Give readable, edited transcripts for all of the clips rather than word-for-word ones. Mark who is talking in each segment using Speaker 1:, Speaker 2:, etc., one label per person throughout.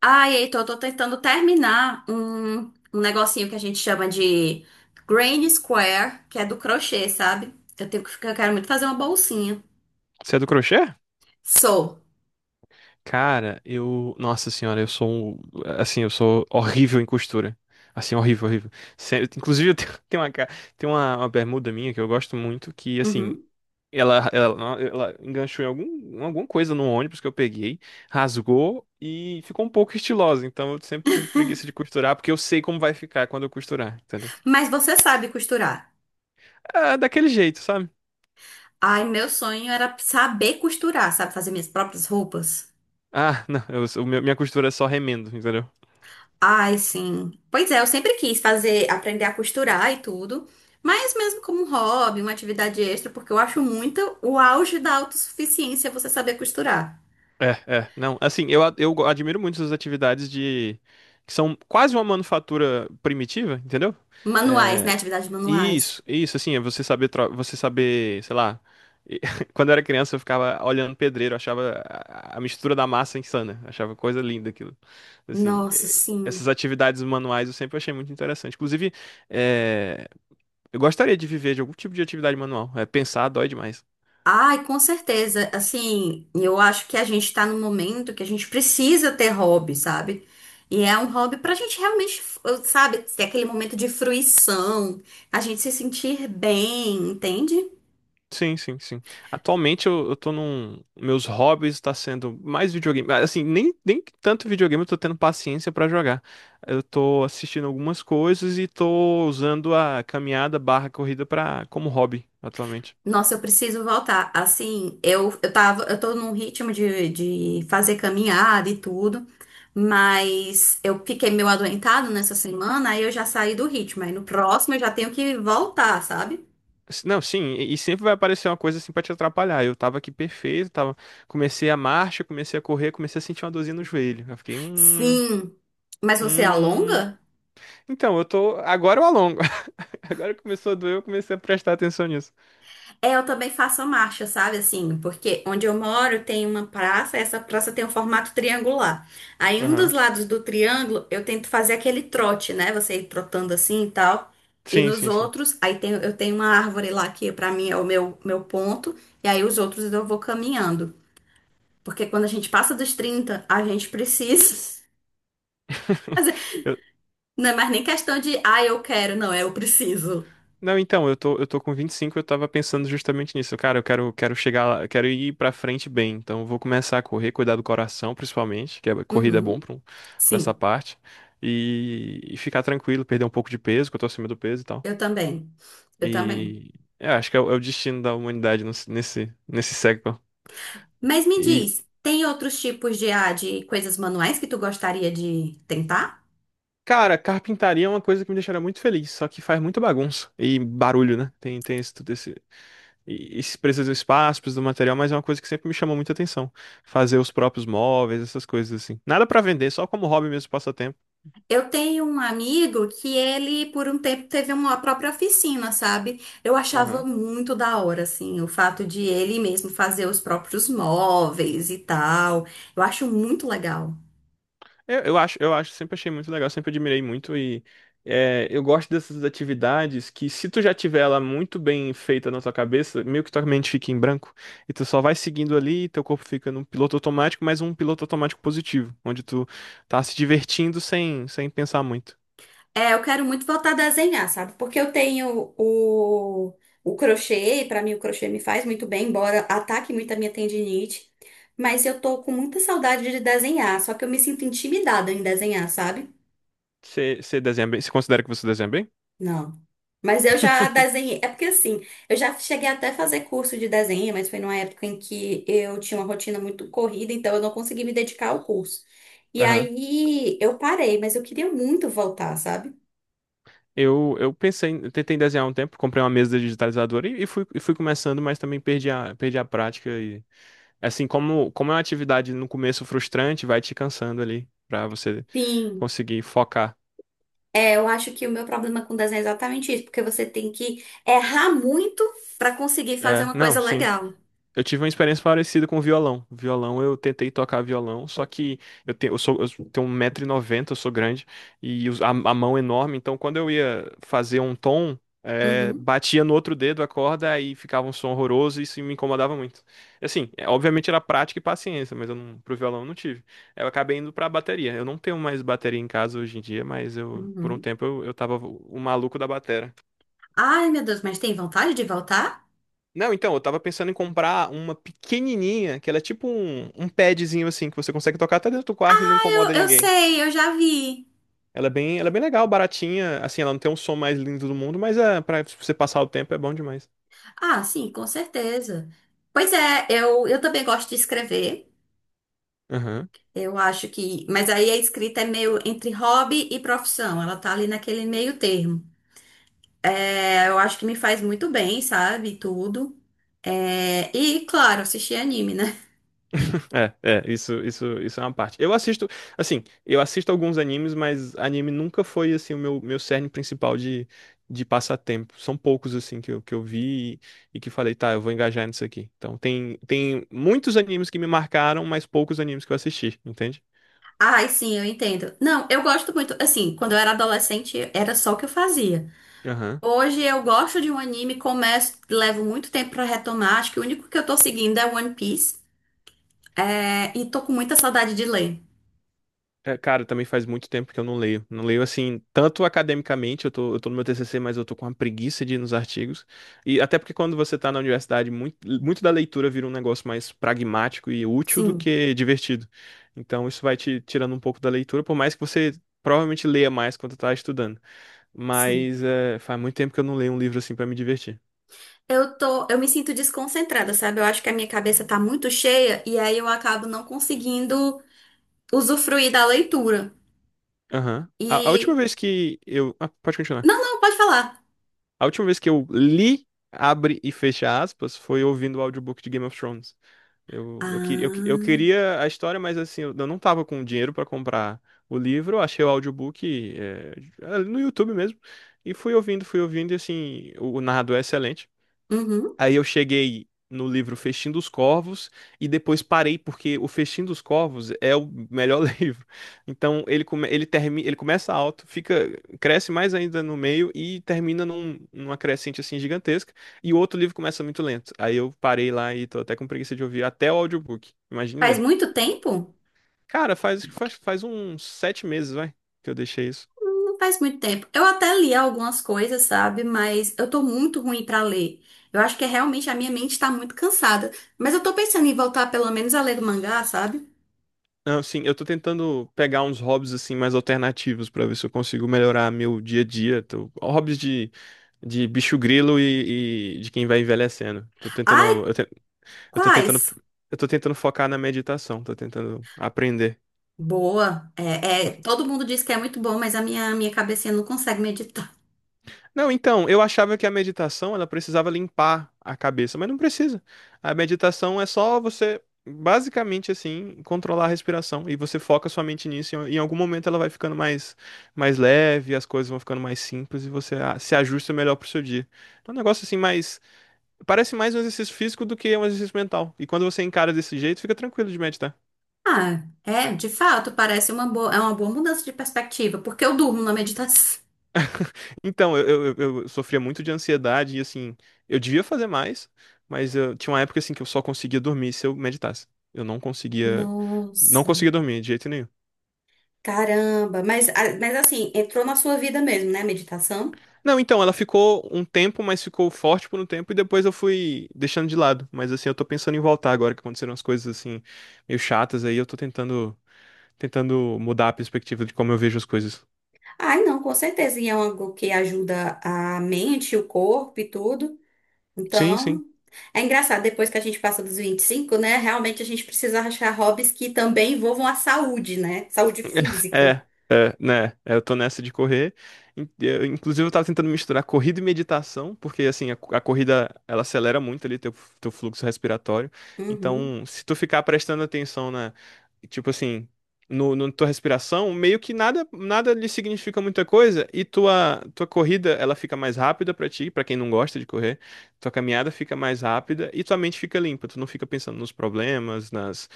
Speaker 1: Ai, Heitor, eu tô tentando terminar um negocinho que a gente chama de Granny Square, que é do crochê, sabe? Eu quero muito fazer uma bolsinha.
Speaker 2: Você é do crochê?
Speaker 1: Sou.
Speaker 2: Cara, eu. Nossa senhora, eu sou. Assim, eu sou horrível em costura. Assim, horrível, horrível. Inclusive, eu tenho tenho tem uma bermuda minha que eu gosto muito, que, assim,
Speaker 1: Uhum.
Speaker 2: ela enganchou em alguma coisa no ônibus que eu peguei, rasgou e ficou um pouco estilosa. Então, eu sempre tive preguiça de costurar, porque eu sei como vai ficar quando eu costurar, entendeu?
Speaker 1: Mas você sabe costurar.
Speaker 2: Ah, daquele jeito, sabe?
Speaker 1: Ai,
Speaker 2: Se-
Speaker 1: meu sonho era saber costurar, sabe? Fazer minhas próprias roupas.
Speaker 2: Ah, não, minha costura é só remendo, entendeu?
Speaker 1: Ai, sim. Pois é, eu sempre quis fazer, aprender a costurar e tudo. Mas mesmo como um hobby, uma atividade extra, porque eu acho muito o auge da autossuficiência você saber costurar.
Speaker 2: Não, assim, eu admiro muito essas atividades de, que são quase uma manufatura primitiva, entendeu?
Speaker 1: Manuais, né?
Speaker 2: É,
Speaker 1: Atividades manuais.
Speaker 2: isso, assim, é você saber, você saber, sei lá, e- quando eu era criança eu ficava olhando pedreiro, achava a mistura da massa insana, achava coisa linda aquilo, assim,
Speaker 1: Nossa,
Speaker 2: é, essas
Speaker 1: sim.
Speaker 2: atividades manuais eu sempre achei muito interessante, inclusive, é, eu gostaria de viver de algum tipo de atividade manual, é, pensar dói demais.
Speaker 1: Ai, com certeza. Assim, eu acho que a gente tá num momento que a gente precisa ter hobby, sabe? E é um hobby pra gente realmente, sabe, ter aquele momento de fruição, a gente se sentir bem, entende?
Speaker 2: Sim, sim, sim. Atualmente eu tô num. Meus hobbies está sendo mais videogame. Ah, assim, nem tanto videogame eu tô tendo paciência pra jogar. Eu tô assistindo algumas coisas e tô usando a caminhada barra corrida pra, como hobby atualmente.
Speaker 1: Nossa, eu preciso voltar. Assim, eu tô num ritmo de, fazer caminhada e tudo, mas eu fiquei meio adoentado nessa semana, aí eu já saí do ritmo. Aí no próximo eu já tenho que voltar, sabe?
Speaker 2: Não, sim, e sempre vai aparecer uma coisa assim pra te atrapalhar. Eu tava aqui perfeito, tava, comecei a marcha, comecei a correr, comecei a sentir uma dorzinha no joelho. Eu fiquei,
Speaker 1: Sim, mas você
Speaker 2: hum.
Speaker 1: alonga?
Speaker 2: Então, eu tô. Agora eu alongo. Agora começou a doer, eu comecei a prestar atenção nisso.
Speaker 1: É, eu também faço a marcha, sabe assim? Porque onde eu moro tem uma praça, essa praça tem um formato triangular. Aí um dos
Speaker 2: Aham.
Speaker 1: lados do triângulo eu tento fazer aquele trote, né? Você ir trotando assim e tal. E
Speaker 2: Sim,
Speaker 1: nos
Speaker 2: sim, sim.
Speaker 1: outros, aí tem, eu tenho uma árvore lá que pra mim é o meu, meu ponto, e aí os outros eu vou caminhando. Porque quando a gente passa dos 30 a gente precisa.
Speaker 2: Eu-
Speaker 1: Não é mais nem questão de, ah, eu quero, não, é eu preciso.
Speaker 2: Não, então, eu tô com 25. Eu tava pensando justamente nisso. Cara, eu quero, quero chegar lá, quero ir pra frente bem. Então, eu vou começar a correr, cuidar do coração, principalmente, que a corrida é bom
Speaker 1: Uhum,
Speaker 2: pra, pra essa
Speaker 1: sim.
Speaker 2: parte. E ficar tranquilo, perder um pouco de peso, que eu tô acima do peso e tal.
Speaker 1: Eu também. Eu também.
Speaker 2: E é, acho que é, o é o destino da humanidade nesse, nesse século.
Speaker 1: Mas me
Speaker 2: E,
Speaker 1: diz, tem outros tipos de, ah, de coisas manuais que tu gostaria de tentar?
Speaker 2: cara, carpintaria é uma coisa que me deixaria muito feliz, só que faz muita bagunça e barulho, né? Tem esse, tudo. E se precisa do espaço, precisa do material, mas é uma coisa que sempre me chamou muita atenção. Fazer os próprios móveis, essas coisas assim. Nada pra vender, só como hobby mesmo, passatempo.
Speaker 1: Eu tenho um amigo que ele, por um tempo, teve uma própria oficina, sabe? Eu achava
Speaker 2: Aham.
Speaker 1: muito da hora, assim, o fato de ele mesmo fazer os próprios móveis e tal. Eu acho muito legal.
Speaker 2: Eu acho, sempre achei muito legal, sempre admirei muito e é, eu gosto dessas atividades que se tu já tiver ela muito bem feita na tua cabeça, meio que tua mente fica em branco e tu só vai seguindo ali, teu corpo fica num piloto automático, mas um piloto automático positivo, onde tu tá se divertindo sem, sem pensar muito.
Speaker 1: É, eu quero muito voltar a desenhar, sabe? Porque eu tenho o crochê, e pra mim o crochê me faz muito bem, embora ataque muito a minha tendinite. Mas eu tô com muita saudade de desenhar, só que eu me sinto intimidada em desenhar, sabe?
Speaker 2: Você desenha bem? Você considera que você desenha bem?
Speaker 1: Não. Mas eu já desenhei. É porque assim, eu já cheguei até a fazer curso de desenho, mas foi numa época em que eu tinha uma rotina muito corrida, então eu não consegui me dedicar ao curso. E
Speaker 2: Aham.
Speaker 1: aí eu parei, mas eu queria muito voltar, sabe?
Speaker 2: Eu pensei, eu tentei desenhar um tempo, comprei uma mesa digitalizadora e, e fui começando, mas também perdi perdi a prática. E, assim, como é uma atividade no começo frustrante, vai te cansando ali pra você
Speaker 1: Sim.
Speaker 2: conseguir focar.
Speaker 1: É, eu acho que o meu problema com desenho é exatamente isso, porque você tem que errar muito pra conseguir fazer
Speaker 2: É,
Speaker 1: uma
Speaker 2: não,
Speaker 1: coisa
Speaker 2: sim.
Speaker 1: legal.
Speaker 2: Eu tive uma experiência parecida com violão. Violão, eu tentei tocar violão, só que eu tenho 1,90m, eu sou grande, e a mão enorme, então quando eu ia fazer um tom,
Speaker 1: Uhum,
Speaker 2: batia no outro dedo a corda aí ficava um som horroroso e isso me incomodava muito. Assim, é, obviamente era prática e paciência, mas eu não, pro violão eu não tive. Eu acabei indo pra bateria. Eu não tenho mais bateria em casa hoje em dia, mas eu, por um
Speaker 1: uhum.
Speaker 2: tempo eu tava o maluco da bateria.
Speaker 1: Ai, meu Deus, mas tem vontade de voltar?
Speaker 2: Não, então, eu tava pensando em comprar uma pequenininha, que ela é tipo um padzinho assim, que você consegue tocar até dentro do quarto e não
Speaker 1: Eu,
Speaker 2: incomoda
Speaker 1: eu
Speaker 2: ninguém.
Speaker 1: sei, eu já vi.
Speaker 2: Ela é bem legal, baratinha, assim, ela não tem um som mais lindo do mundo, mas é, pra você passar o tempo é bom demais.
Speaker 1: Ah, sim, com certeza. Pois é, eu também gosto de escrever.
Speaker 2: Aham.
Speaker 1: Eu acho que. Mas aí a escrita é meio entre hobby e profissão. Ela tá ali naquele meio termo. É, eu acho que me faz muito bem, sabe? Tudo. É, e, claro, assistir anime, né?
Speaker 2: Isso é uma parte. Eu assisto, assim, eu assisto alguns animes, mas anime nunca foi, assim, meu cerne principal de passatempo. São poucos, assim, que eu vi e que falei, tá, eu vou engajar nisso aqui. Então, tem muitos animes que me marcaram, mas poucos animes que eu assisti, entende?
Speaker 1: Ai, sim, eu entendo. Não, eu gosto muito. Assim, quando eu era adolescente, era só o que eu fazia.
Speaker 2: Aham.
Speaker 1: Hoje eu gosto de um anime, começo, levo muito tempo pra retomar. Acho que o único que eu tô seguindo é One Piece. É, e tô com muita saudade de ler.
Speaker 2: É, cara, também faz muito tempo que eu não leio. Não leio assim, tanto academicamente, eu tô no meu TCC, mas eu tô com uma preguiça de ir nos artigos. E até porque quando você tá na universidade, muito da leitura vira um negócio mais pragmático e útil do
Speaker 1: Sim,
Speaker 2: que divertido. Então isso vai te tirando um pouco da leitura, por mais que você provavelmente leia mais quando tá estudando.
Speaker 1: sim.
Speaker 2: Mas é, faz muito tempo que eu não leio um livro assim pra me divertir.
Speaker 1: Eu me sinto desconcentrada, sabe? Eu acho que a minha cabeça tá muito cheia e aí eu acabo não conseguindo usufruir da leitura.
Speaker 2: Aham. A última
Speaker 1: E
Speaker 2: vez que eu. Ah, pode continuar.
Speaker 1: não, não, pode falar.
Speaker 2: A última vez que eu li, abre e fecha aspas, foi ouvindo o audiobook de Game of Thrones.
Speaker 1: Ah,
Speaker 2: Eu queria a história, mas assim, eu não tava com dinheiro para comprar o livro, eu achei o audiobook eh, no YouTube mesmo, e fui ouvindo, e assim, o narrador é excelente.
Speaker 1: uhum.
Speaker 2: Aí eu cheguei no livro Festim dos Corvos e depois parei porque o Festim dos Corvos é o melhor livro. Então ele termina, ele começa alto, fica cresce mais ainda no meio e termina numa crescente assim gigantesca e o outro livro começa muito lento. Aí eu parei lá e tô até com preguiça de ouvir até o audiobook. Imagine
Speaker 1: Faz
Speaker 2: ler.
Speaker 1: muito tempo?
Speaker 2: Cara, faz uns 7 meses, vai, que eu deixei isso.
Speaker 1: Não faz muito tempo. Eu até li algumas coisas, sabe? Mas eu tô muito ruim pra ler. Eu acho que é realmente a minha mente tá muito cansada. Mas eu tô pensando em voltar pelo menos a ler o mangá, sabe?
Speaker 2: Não, sim, eu tô tentando pegar uns hobbies assim mais alternativos pra ver se eu consigo melhorar meu dia a dia. Hobbies de bicho grilo e de quem vai envelhecendo. Tô
Speaker 1: Ai,
Speaker 2: tentando, eu, te- eu tô tentando,
Speaker 1: quais?
Speaker 2: eu tô tentando focar na meditação, tô tentando aprender.
Speaker 1: Boa. É, é, todo mundo diz que é muito bom, mas a minha cabecinha não consegue meditar.
Speaker 2: Não, então, eu achava que a meditação ela precisava limpar a cabeça, mas não precisa. A meditação é só você, basicamente assim, controlar a respiração e você foca sua mente nisso. E em algum momento ela vai ficando mais leve, as coisas vão ficando mais simples e você se ajusta melhor pro seu dia. É um negócio assim, parece mais um exercício físico do que um exercício mental. E quando você encara desse jeito, fica tranquilo de meditar.
Speaker 1: Ah, é, de fato, parece uma boa, é uma boa mudança de perspectiva, porque eu durmo na meditação.
Speaker 2: Então, eu sofria muito de ansiedade e assim, eu devia fazer mais, mas eu tinha uma época assim que eu só conseguia dormir se eu meditasse. Eu não conseguia, não
Speaker 1: Nossa,
Speaker 2: conseguia dormir de jeito nenhum.
Speaker 1: caramba. Mas, mas assim, entrou na sua vida mesmo, né, a meditação?
Speaker 2: Não, então, ela ficou um tempo, mas ficou forte por um tempo e depois eu fui deixando de lado. Mas assim, eu tô pensando em voltar agora que aconteceram as coisas assim meio chatas aí, eu tô tentando mudar a perspectiva de como eu vejo as coisas.
Speaker 1: Ai, não, com certeza. E é algo que ajuda a mente, o corpo e tudo.
Speaker 2: Sim, sim.
Speaker 1: Então, é engraçado, depois que a gente passa dos 25 né? Realmente a gente precisa achar hobbies que também envolvam a saúde, né? Saúde física.
Speaker 2: É, é, né? É, eu tô nessa de correr. Inclusive, eu tava tentando misturar corrida e meditação, porque assim, a corrida ela acelera muito ali teu, teu fluxo respiratório.
Speaker 1: Uhum,
Speaker 2: Então, se tu ficar prestando atenção na, tipo assim, no tua respiração, meio que nada lhe significa muita coisa e tua corrida ela fica mais rápida pra ti, pra quem não gosta de correr. Tua caminhada fica mais rápida e tua mente fica limpa. Tu não fica pensando nos problemas, nas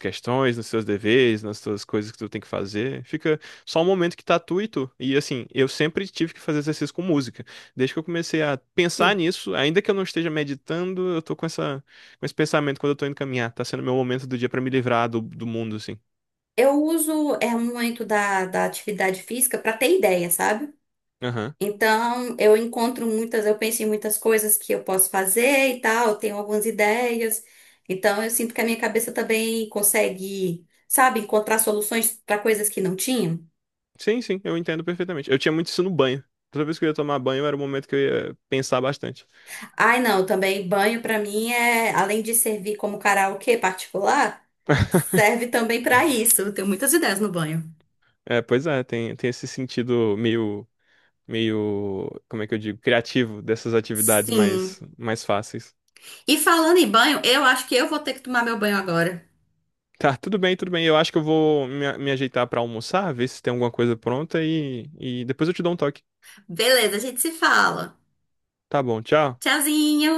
Speaker 2: questões, nos seus deveres, nas suas coisas que tu tem que fazer. Fica só um momento que tá tu e tu. E assim, eu sempre tive que fazer exercício com música. Desde que eu comecei a pensar
Speaker 1: sim.
Speaker 2: nisso, ainda que eu não esteja meditando, eu tô com com esse pensamento quando eu tô indo caminhar. Tá sendo meu momento do dia pra me livrar do, do mundo, assim.
Speaker 1: Eu uso é, um momento da, atividade física para ter ideia, sabe?
Speaker 2: Aham.
Speaker 1: Então, eu penso em muitas coisas que eu posso fazer e tal, eu tenho algumas ideias. Então, eu sinto que a minha cabeça também consegue, sabe, encontrar soluções para coisas que não tinha.
Speaker 2: Sim, sim, eu entendo perfeitamente. Eu tinha muito isso no banho. Toda vez que eu ia tomar banho, era o momento que eu ia pensar bastante.
Speaker 1: Ai, não, também banho para mim é, além de servir como karaokê particular, serve também para isso. Eu tenho muitas ideias no banho.
Speaker 2: É, pois é, tem esse sentido meio, como é que eu digo, criativo dessas atividades
Speaker 1: Sim.
Speaker 2: mais fáceis.
Speaker 1: E falando em banho, eu acho que eu vou ter que tomar meu banho agora.
Speaker 2: Tá, tudo bem, tudo bem. Eu acho que eu vou me ajeitar pra almoçar, ver se tem alguma coisa pronta e depois eu te dou um toque.
Speaker 1: Beleza, a gente se fala.
Speaker 2: Tá bom, tchau.
Speaker 1: Tchauzinho.